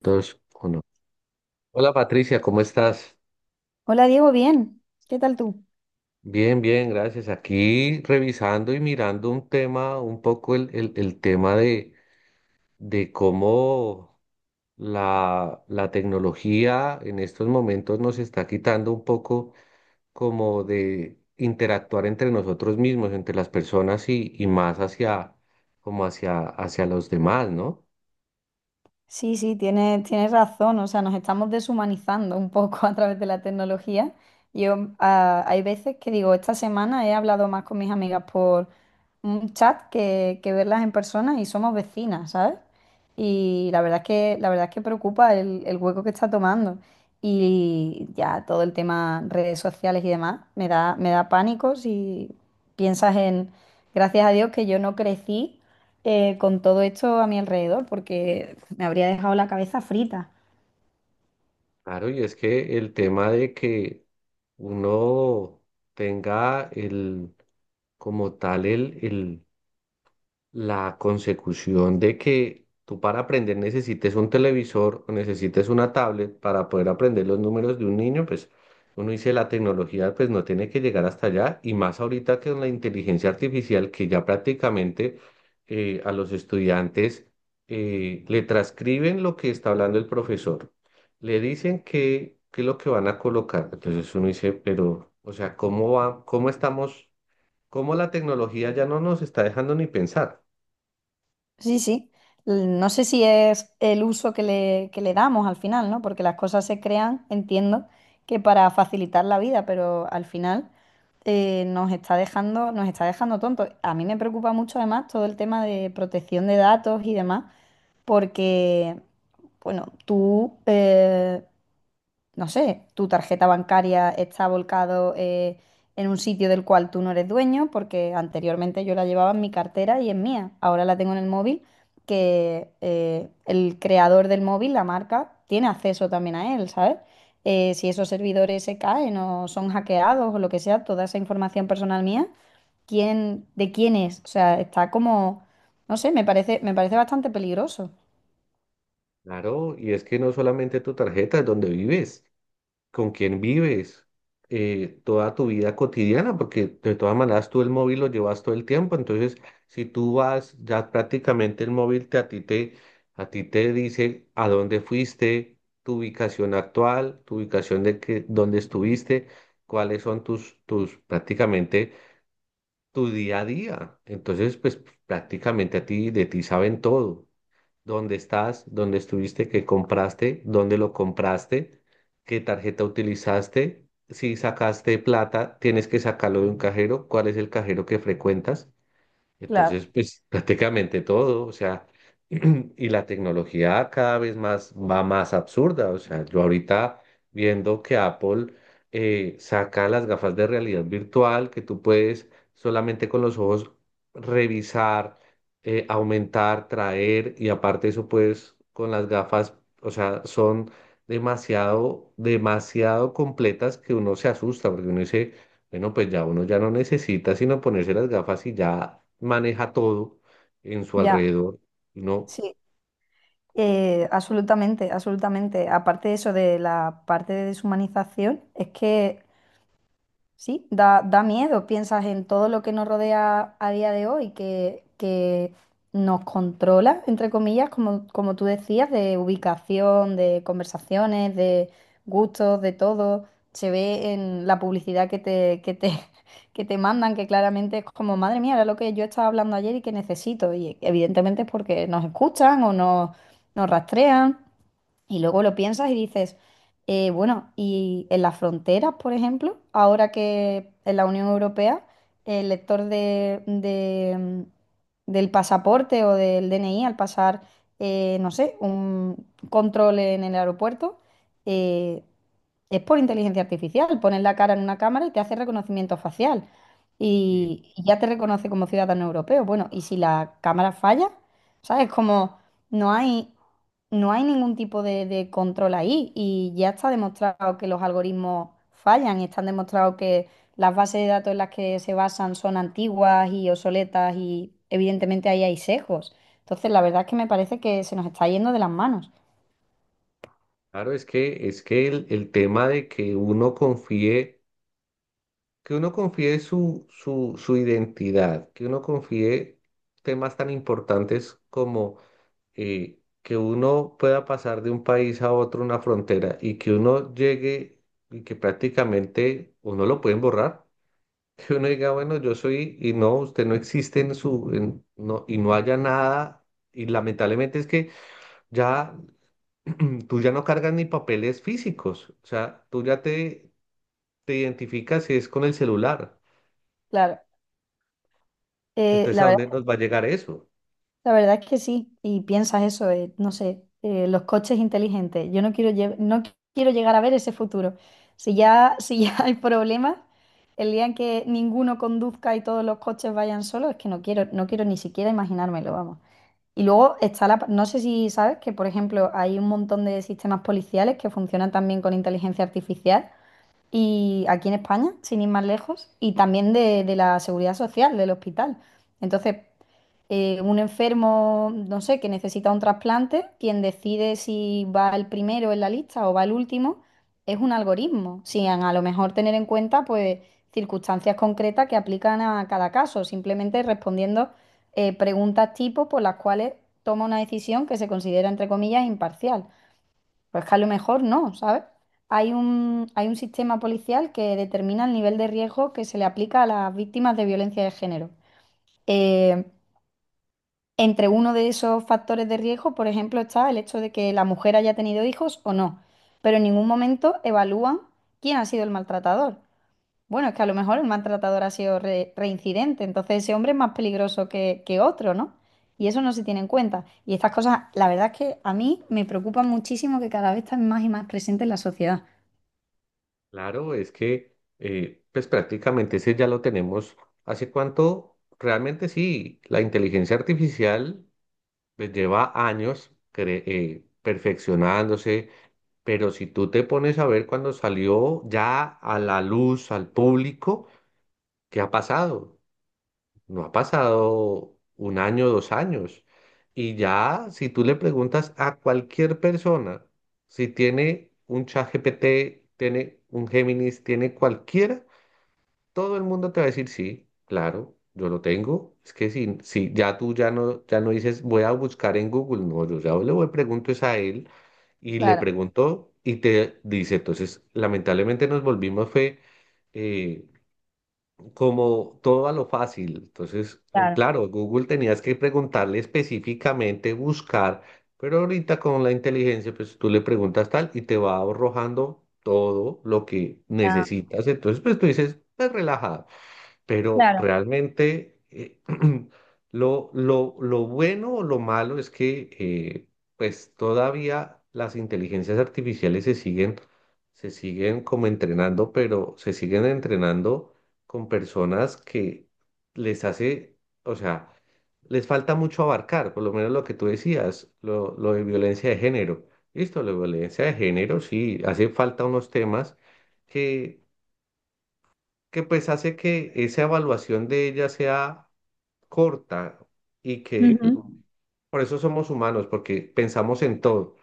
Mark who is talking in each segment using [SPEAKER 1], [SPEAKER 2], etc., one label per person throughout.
[SPEAKER 1] Dos, uno. Hola Patricia, ¿cómo estás?
[SPEAKER 2] Hola Diego, bien. ¿Qué tal tú?
[SPEAKER 1] Bien, bien, gracias. Aquí revisando y mirando un tema, un poco el tema de cómo la tecnología en estos momentos nos está quitando un poco como de interactuar entre nosotros mismos, entre las personas y más hacia, como hacia los demás, ¿no?
[SPEAKER 2] Sí, sí, tienes, tienes razón. O sea, nos estamos deshumanizando un poco a través de la tecnología. Yo, hay veces que digo, esta semana he hablado más con mis amigas por un chat que verlas en persona y somos vecinas, ¿sabes? Y la verdad es que, la verdad es que preocupa el hueco que está tomando. Y ya todo el tema redes sociales y demás me da pánico si piensas en, gracias a Dios que yo no crecí, con todo esto a mi alrededor, porque me habría dejado la cabeza frita.
[SPEAKER 1] Claro, y es que el tema de que uno tenga el, como tal, el la consecución de que tú para aprender necesites un televisor o necesites una tablet para poder aprender los números de un niño. Pues uno dice, la tecnología pues no tiene que llegar hasta allá, y más ahorita que con la inteligencia artificial, que ya prácticamente a los estudiantes le transcriben lo que está hablando el profesor, le dicen qué es lo que van a colocar. Entonces uno dice, pero o sea, ¿cómo va, cómo estamos, cómo la tecnología ya no nos está dejando ni pensar?
[SPEAKER 2] Sí, sí. No sé si es el uso que le damos al final, ¿no? Porque las cosas se crean, entiendo, que para facilitar la vida, pero al final nos está dejando tontos. A mí me preocupa mucho además todo el tema de protección de datos y demás, porque, bueno, tú, no sé, tu tarjeta bancaria está volcado, en un sitio del cual tú no eres dueño, porque anteriormente yo la llevaba en mi cartera y es mía. Ahora la tengo en el móvil, que el creador del móvil, la marca, tiene acceso también a él, ¿sabes? Si esos servidores se caen o son hackeados o lo que sea, toda esa información personal mía, ¿quién, de quién es? O sea, está como, no sé, me parece bastante peligroso.
[SPEAKER 1] Claro, y es que no solamente tu tarjeta, es donde vives, con quién vives, toda tu vida cotidiana, porque de todas maneras tú el móvil lo llevas todo el tiempo. Entonces, si tú vas, ya prácticamente a ti te dice a dónde fuiste, tu ubicación actual, tu ubicación de que, dónde estuviste, cuáles son tus, tus prácticamente tu día a día. Entonces, pues prácticamente de ti saben todo: dónde estás, dónde estuviste, qué compraste, dónde lo compraste, qué tarjeta utilizaste. Si sacaste plata, tienes que sacarlo de un cajero. ¿Cuál es el cajero que frecuentas? Entonces,
[SPEAKER 2] Claro.
[SPEAKER 1] pues prácticamente todo, o sea, y la tecnología cada vez más va más absurda. O sea, yo ahorita viendo que Apple saca las gafas de realidad virtual, que tú puedes solamente con los ojos revisar, aumentar, traer, y aparte eso puedes con las gafas. O sea, son demasiado, demasiado completas, que uno se asusta porque uno dice, bueno, pues ya uno ya no necesita sino ponerse las gafas y ya maneja todo en su
[SPEAKER 2] Ya.
[SPEAKER 1] alrededor. No,
[SPEAKER 2] Sí. Absolutamente, absolutamente. Aparte de eso, de la parte de deshumanización, es que sí, da, da miedo. Piensas en todo lo que nos rodea a día de hoy, que nos controla, entre comillas, como, como tú decías, de ubicación, de conversaciones, de gustos, de todo. Se ve en la publicidad que te mandan, que claramente es como, madre mía, era lo que yo estaba hablando ayer y que necesito. Y evidentemente es porque nos escuchan o nos, nos rastrean. Y luego lo piensas y dices, bueno, y en las fronteras, por ejemplo, ahora que en la Unión Europea el lector del pasaporte o del DNI al pasar, no sé, un control en el aeropuerto, eh, es por inteligencia artificial. Pones la cara en una cámara y te hace reconocimiento facial y ya te reconoce como ciudadano europeo. Bueno, y si la cámara falla, ¿sabes? Como no hay no hay ningún tipo de control ahí y ya está demostrado que los algoritmos fallan, están demostrados que las bases de datos en las que se basan son antiguas y obsoletas y evidentemente ahí hay sesgos. Entonces, la verdad es que me parece que se nos está yendo de las manos.
[SPEAKER 1] claro, es que el tema de que uno confíe su identidad, que uno confíe temas tan importantes como que uno pueda pasar de un país a otro, una frontera, y que uno llegue y que prácticamente uno lo pueden borrar. Que uno diga, bueno, yo soy, y no, usted no existe no, y no haya nada. Y lamentablemente es que ya tú ya no cargas ni papeles físicos. O sea, tú ya te identificas y es con el celular.
[SPEAKER 2] Claro, eh,
[SPEAKER 1] Entonces,
[SPEAKER 2] la
[SPEAKER 1] ¿a
[SPEAKER 2] verdad
[SPEAKER 1] dónde nos va a llegar eso?
[SPEAKER 2] La verdad es que sí, y piensas eso, no sé, los coches inteligentes. Yo no quiero, no quiero llegar a ver ese futuro. Si ya, si ya hay problemas, el día en que ninguno conduzca y todos los coches vayan solos, es que no quiero, no quiero ni siquiera imaginármelo, vamos. Y luego está la, no sé si sabes que, por ejemplo, hay un montón de sistemas policiales que funcionan también con inteligencia artificial, y aquí en España, sin ir más lejos, y también de la seguridad social, del hospital. Entonces, un enfermo, no sé, que necesita un trasplante, quien decide si va el primero en la lista o va el último, es un algoritmo, sin a lo mejor tener en cuenta pues circunstancias concretas que aplican a cada caso, simplemente respondiendo preguntas tipo por las cuales toma una decisión que se considera, entre comillas, imparcial. Pues que a lo mejor no, ¿sabes? Hay un sistema policial que determina el nivel de riesgo que se le aplica a las víctimas de violencia de género. Eh, entre uno de esos factores de riesgo, por ejemplo, está el hecho de que la mujer haya tenido hijos o no, pero en ningún momento evalúan quién ha sido el maltratador. Bueno, es que a lo mejor el maltratador ha sido reincidente, entonces ese hombre es más peligroso que otro, ¿no? Y eso no se tiene en cuenta. Y estas cosas, la verdad es que a mí me preocupan muchísimo que cada vez están más y más presentes en la sociedad.
[SPEAKER 1] Claro, es que, pues prácticamente ese ya lo tenemos. ¿Hace cuánto? Realmente sí, la inteligencia artificial pues lleva años perfeccionándose. Pero si tú te pones a ver cuando salió ya a la luz, al público, ¿qué ha pasado? No ha pasado un año, 2 años. Y ya, si tú le preguntas a cualquier persona si tiene un ChatGPT, tiene un Géminis, tiene cualquiera, todo el mundo te va a decir, sí, claro, yo lo tengo. Es que si ya tú ya no dices, voy a buscar en Google, no, yo ya le voy, pregunto es a él, y le
[SPEAKER 2] Claro,
[SPEAKER 1] pregunto y te dice. Entonces, lamentablemente nos volvimos fue eh, como todo a lo fácil. Entonces,
[SPEAKER 2] claro,
[SPEAKER 1] claro, Google tenías que preguntarle específicamente, buscar, pero ahorita con la inteligencia, pues tú le preguntas tal y te va arrojando todo lo que
[SPEAKER 2] claro,
[SPEAKER 1] necesitas. Entonces, pues tú dices, pues relajado. Pero
[SPEAKER 2] claro.
[SPEAKER 1] realmente lo bueno o lo malo es que pues todavía las inteligencias artificiales se siguen como entrenando, pero se siguen entrenando con personas que les hace, o sea, les falta mucho abarcar, por lo menos lo que tú decías, lo de violencia de género. Listo, la violencia de género, sí, hace falta unos temas que que pues hace que esa evaluación de ella sea corta. Y que,
[SPEAKER 2] Ujú.
[SPEAKER 1] por eso somos humanos, porque pensamos en todo.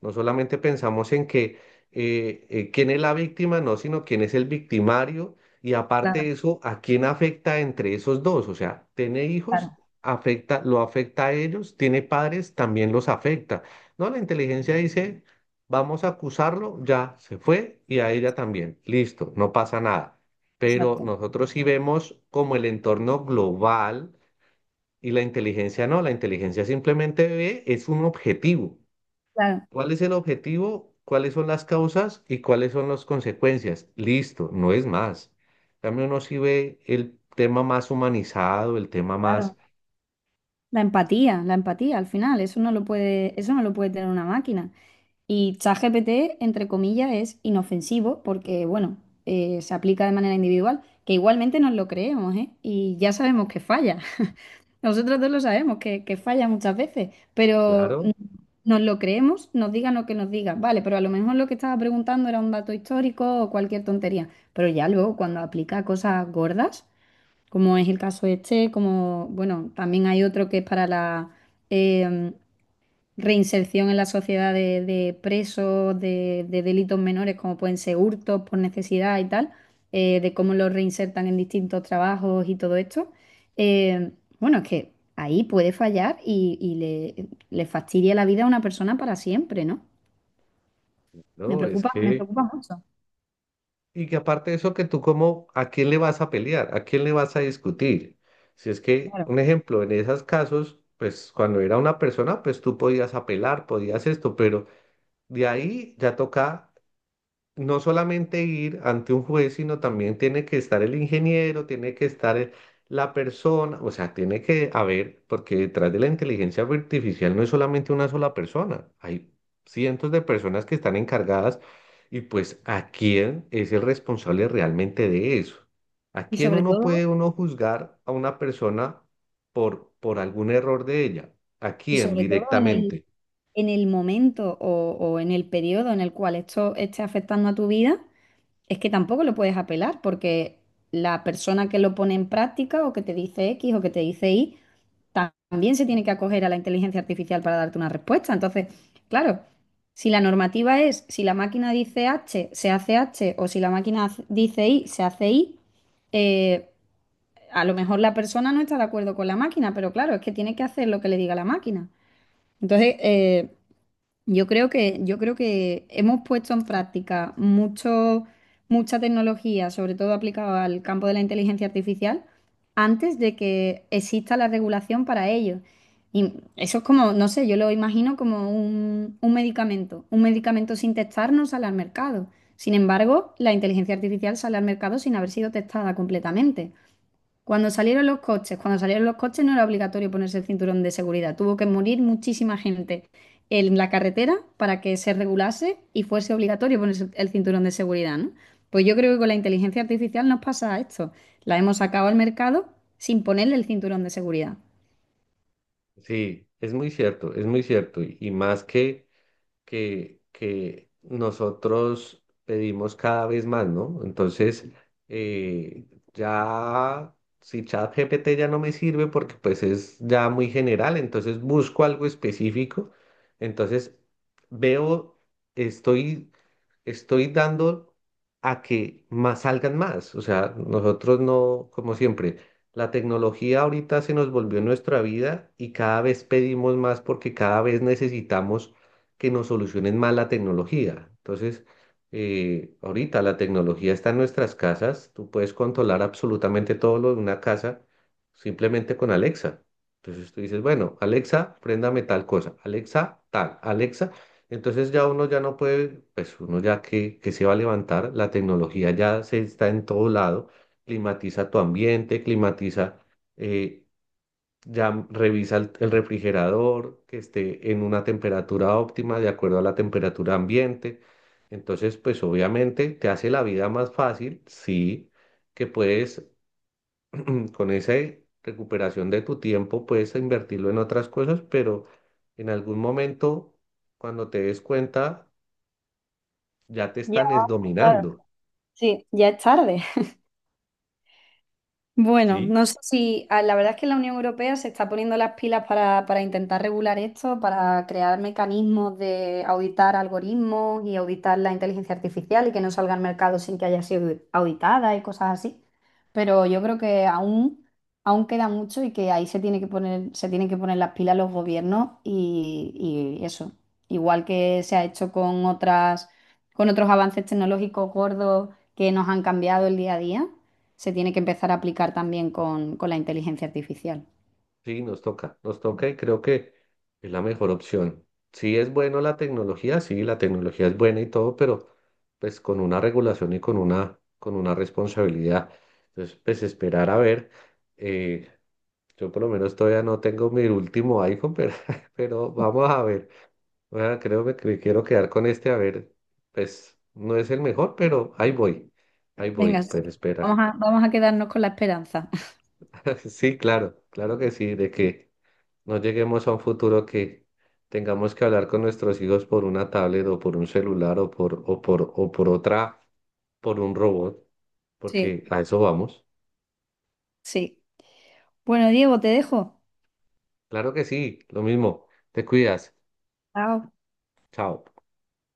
[SPEAKER 1] No solamente pensamos en que quién es la víctima, no, sino quién es el victimario. Y aparte
[SPEAKER 2] Claro,
[SPEAKER 1] de eso, ¿a quién afecta entre esos dos? O sea, tiene hijos,
[SPEAKER 2] claro.
[SPEAKER 1] lo afecta a ellos, tiene padres, también los afecta. No, la inteligencia dice, vamos a acusarlo, ya se fue, y a ella también. Listo, no pasa nada. Pero
[SPEAKER 2] Exacto.
[SPEAKER 1] nosotros sí vemos como el entorno global, y la inteligencia no, la inteligencia simplemente ve, es un objetivo.
[SPEAKER 2] Claro.
[SPEAKER 1] ¿Cuál es el objetivo? ¿Cuáles son las causas y cuáles son las consecuencias? Listo, no es más. También uno sí ve el tema más humanizado, el tema
[SPEAKER 2] Claro.
[SPEAKER 1] más,
[SPEAKER 2] La empatía al final, eso no lo puede, eso no lo puede tener una máquina. Y ChatGPT, entre comillas, es inofensivo porque, bueno, se aplica de manera individual, que igualmente nos lo creemos, ¿eh? Y ya sabemos que falla. Nosotros dos lo sabemos, que falla muchas veces, pero
[SPEAKER 1] claro,
[SPEAKER 2] nos lo creemos, nos digan lo que nos digan, vale, pero a lo mejor lo que estaba preguntando era un dato histórico o cualquier tontería, pero ya luego cuando aplica cosas gordas como es el caso este, como, bueno, también hay otro que es para la eh, reinserción en la sociedad de presos, de delitos menores, como pueden ser hurtos por necesidad y tal, de cómo los reinsertan en distintos trabajos y todo esto. Eh, bueno, es que ahí puede fallar y le fastidia la vida a una persona para siempre, ¿no?
[SPEAKER 1] no,
[SPEAKER 2] Me preocupa mucho,
[SPEAKER 1] y que aparte de eso, que tú como, ¿a quién le vas a pelear? ¿A quién le vas a discutir? Si es que,
[SPEAKER 2] claro.
[SPEAKER 1] un ejemplo, en esos casos, pues cuando era una persona, pues tú podías apelar, podías esto, pero de ahí ya toca no solamente ir ante un juez, sino también tiene que estar el ingeniero, tiene que estar la persona. O sea, tiene que haber, porque detrás de la inteligencia artificial no es solamente una sola persona, hay cientos de personas que están encargadas, y pues a quién es el responsable realmente de eso. ¿A
[SPEAKER 2] Y
[SPEAKER 1] quién
[SPEAKER 2] sobre
[SPEAKER 1] uno puede,
[SPEAKER 2] todo,
[SPEAKER 1] uno juzgar a una persona por algún error de ella? ¿A
[SPEAKER 2] y
[SPEAKER 1] quién
[SPEAKER 2] sobre todo
[SPEAKER 1] directamente?
[SPEAKER 2] en el momento o en el periodo en el cual esto esté afectando a tu vida, es que tampoco lo puedes apelar porque la persona que lo pone en práctica o que te dice X o que te dice Y, también se tiene que acoger a la inteligencia artificial para darte una respuesta. Entonces, claro, si la normativa es, si la máquina dice H, se hace H, o si la máquina dice Y, se hace Y, eh, a lo mejor la persona no está de acuerdo con la máquina, pero claro, es que tiene que hacer lo que le diga la máquina. Entonces, yo creo que hemos puesto en práctica mucho, mucha tecnología, sobre todo aplicada al campo de la inteligencia artificial, antes de que exista la regulación para ello. Y eso es como, no sé, yo lo imagino como un medicamento sin testar no sale al mercado. Sin embargo, la inteligencia artificial sale al mercado sin haber sido testada completamente. Cuando salieron los coches, cuando salieron los coches no era obligatorio ponerse el cinturón de seguridad. Tuvo que morir muchísima gente en la carretera para que se regulase y fuese obligatorio ponerse el cinturón de seguridad, ¿no? Pues yo creo que con la inteligencia artificial nos pasa esto. La hemos sacado al mercado sin ponerle el cinturón de seguridad.
[SPEAKER 1] Sí, es muy cierto, es muy cierto. Y más que... que nosotros pedimos cada vez más, ¿no? Entonces, eh, ya, si ChatGPT ya no me sirve porque pues es ya muy general, entonces busco algo específico. Entonces veo, estoy estoy dando a que más salgan más. O sea, nosotros no, como siempre, la tecnología ahorita se nos volvió nuestra vida, y cada vez pedimos más porque cada vez necesitamos que nos solucionen más la tecnología. Entonces, ahorita la tecnología está en nuestras casas. Tú puedes controlar absolutamente todo lo de una casa simplemente con Alexa. Entonces tú dices, bueno, Alexa, préndame tal cosa, Alexa, tal, Alexa. Entonces ya uno ya no puede, pues uno ya que, se va a levantar, la tecnología ya se está en todo lado, climatiza tu ambiente, eh, ya revisa el refrigerador que esté en una temperatura óptima de acuerdo a la temperatura ambiente. Entonces, pues obviamente te hace la vida más fácil, sí, que puedes con esa recuperación de tu tiempo, puedes invertirlo en otras cosas, pero en algún momento, cuando te des cuenta, ya te
[SPEAKER 2] Ya,
[SPEAKER 1] están es
[SPEAKER 2] claro.
[SPEAKER 1] dominando.
[SPEAKER 2] Sí, ya es tarde. Bueno,
[SPEAKER 1] ¿Sí?
[SPEAKER 2] no sé si la verdad es que la Unión Europea se está poniendo las pilas para intentar regular esto, para crear mecanismos de auditar algoritmos y auditar la inteligencia artificial y que no salga al mercado sin que haya sido auditada y cosas así. Pero yo creo que aún, aún queda mucho y que ahí se tiene que poner, se tienen que poner las pilas los gobiernos y eso. Igual que se ha hecho con otras, con otros avances tecnológicos gordos que nos han cambiado el día a día se tiene que empezar a aplicar también con la inteligencia artificial.
[SPEAKER 1] Sí, nos toca, nos toca, y creo que es la mejor opción. Sí es bueno la tecnología, sí, la tecnología es buena y todo, pero pues con una regulación y con una responsabilidad. Entonces, pues esperar a ver. eh, yo por lo menos todavía no tengo mi último iPhone, pero, pero vamos a ver. Bueno, creo que me quiero quedar con este, a ver, pues no es el mejor, pero ahí voy,
[SPEAKER 2] Venga, sí.
[SPEAKER 1] pues esperar.
[SPEAKER 2] Vamos a, vamos a quedarnos con la esperanza.
[SPEAKER 1] Sí, claro, claro que sí, de que no lleguemos a un futuro que tengamos que hablar con nuestros hijos por una tablet o por un celular o por, o por otra, por un robot,
[SPEAKER 2] Sí.
[SPEAKER 1] porque a eso vamos.
[SPEAKER 2] Sí. Bueno, Diego, te dejo.
[SPEAKER 1] Claro que sí, lo mismo, te cuidas,
[SPEAKER 2] Chao.
[SPEAKER 1] chao.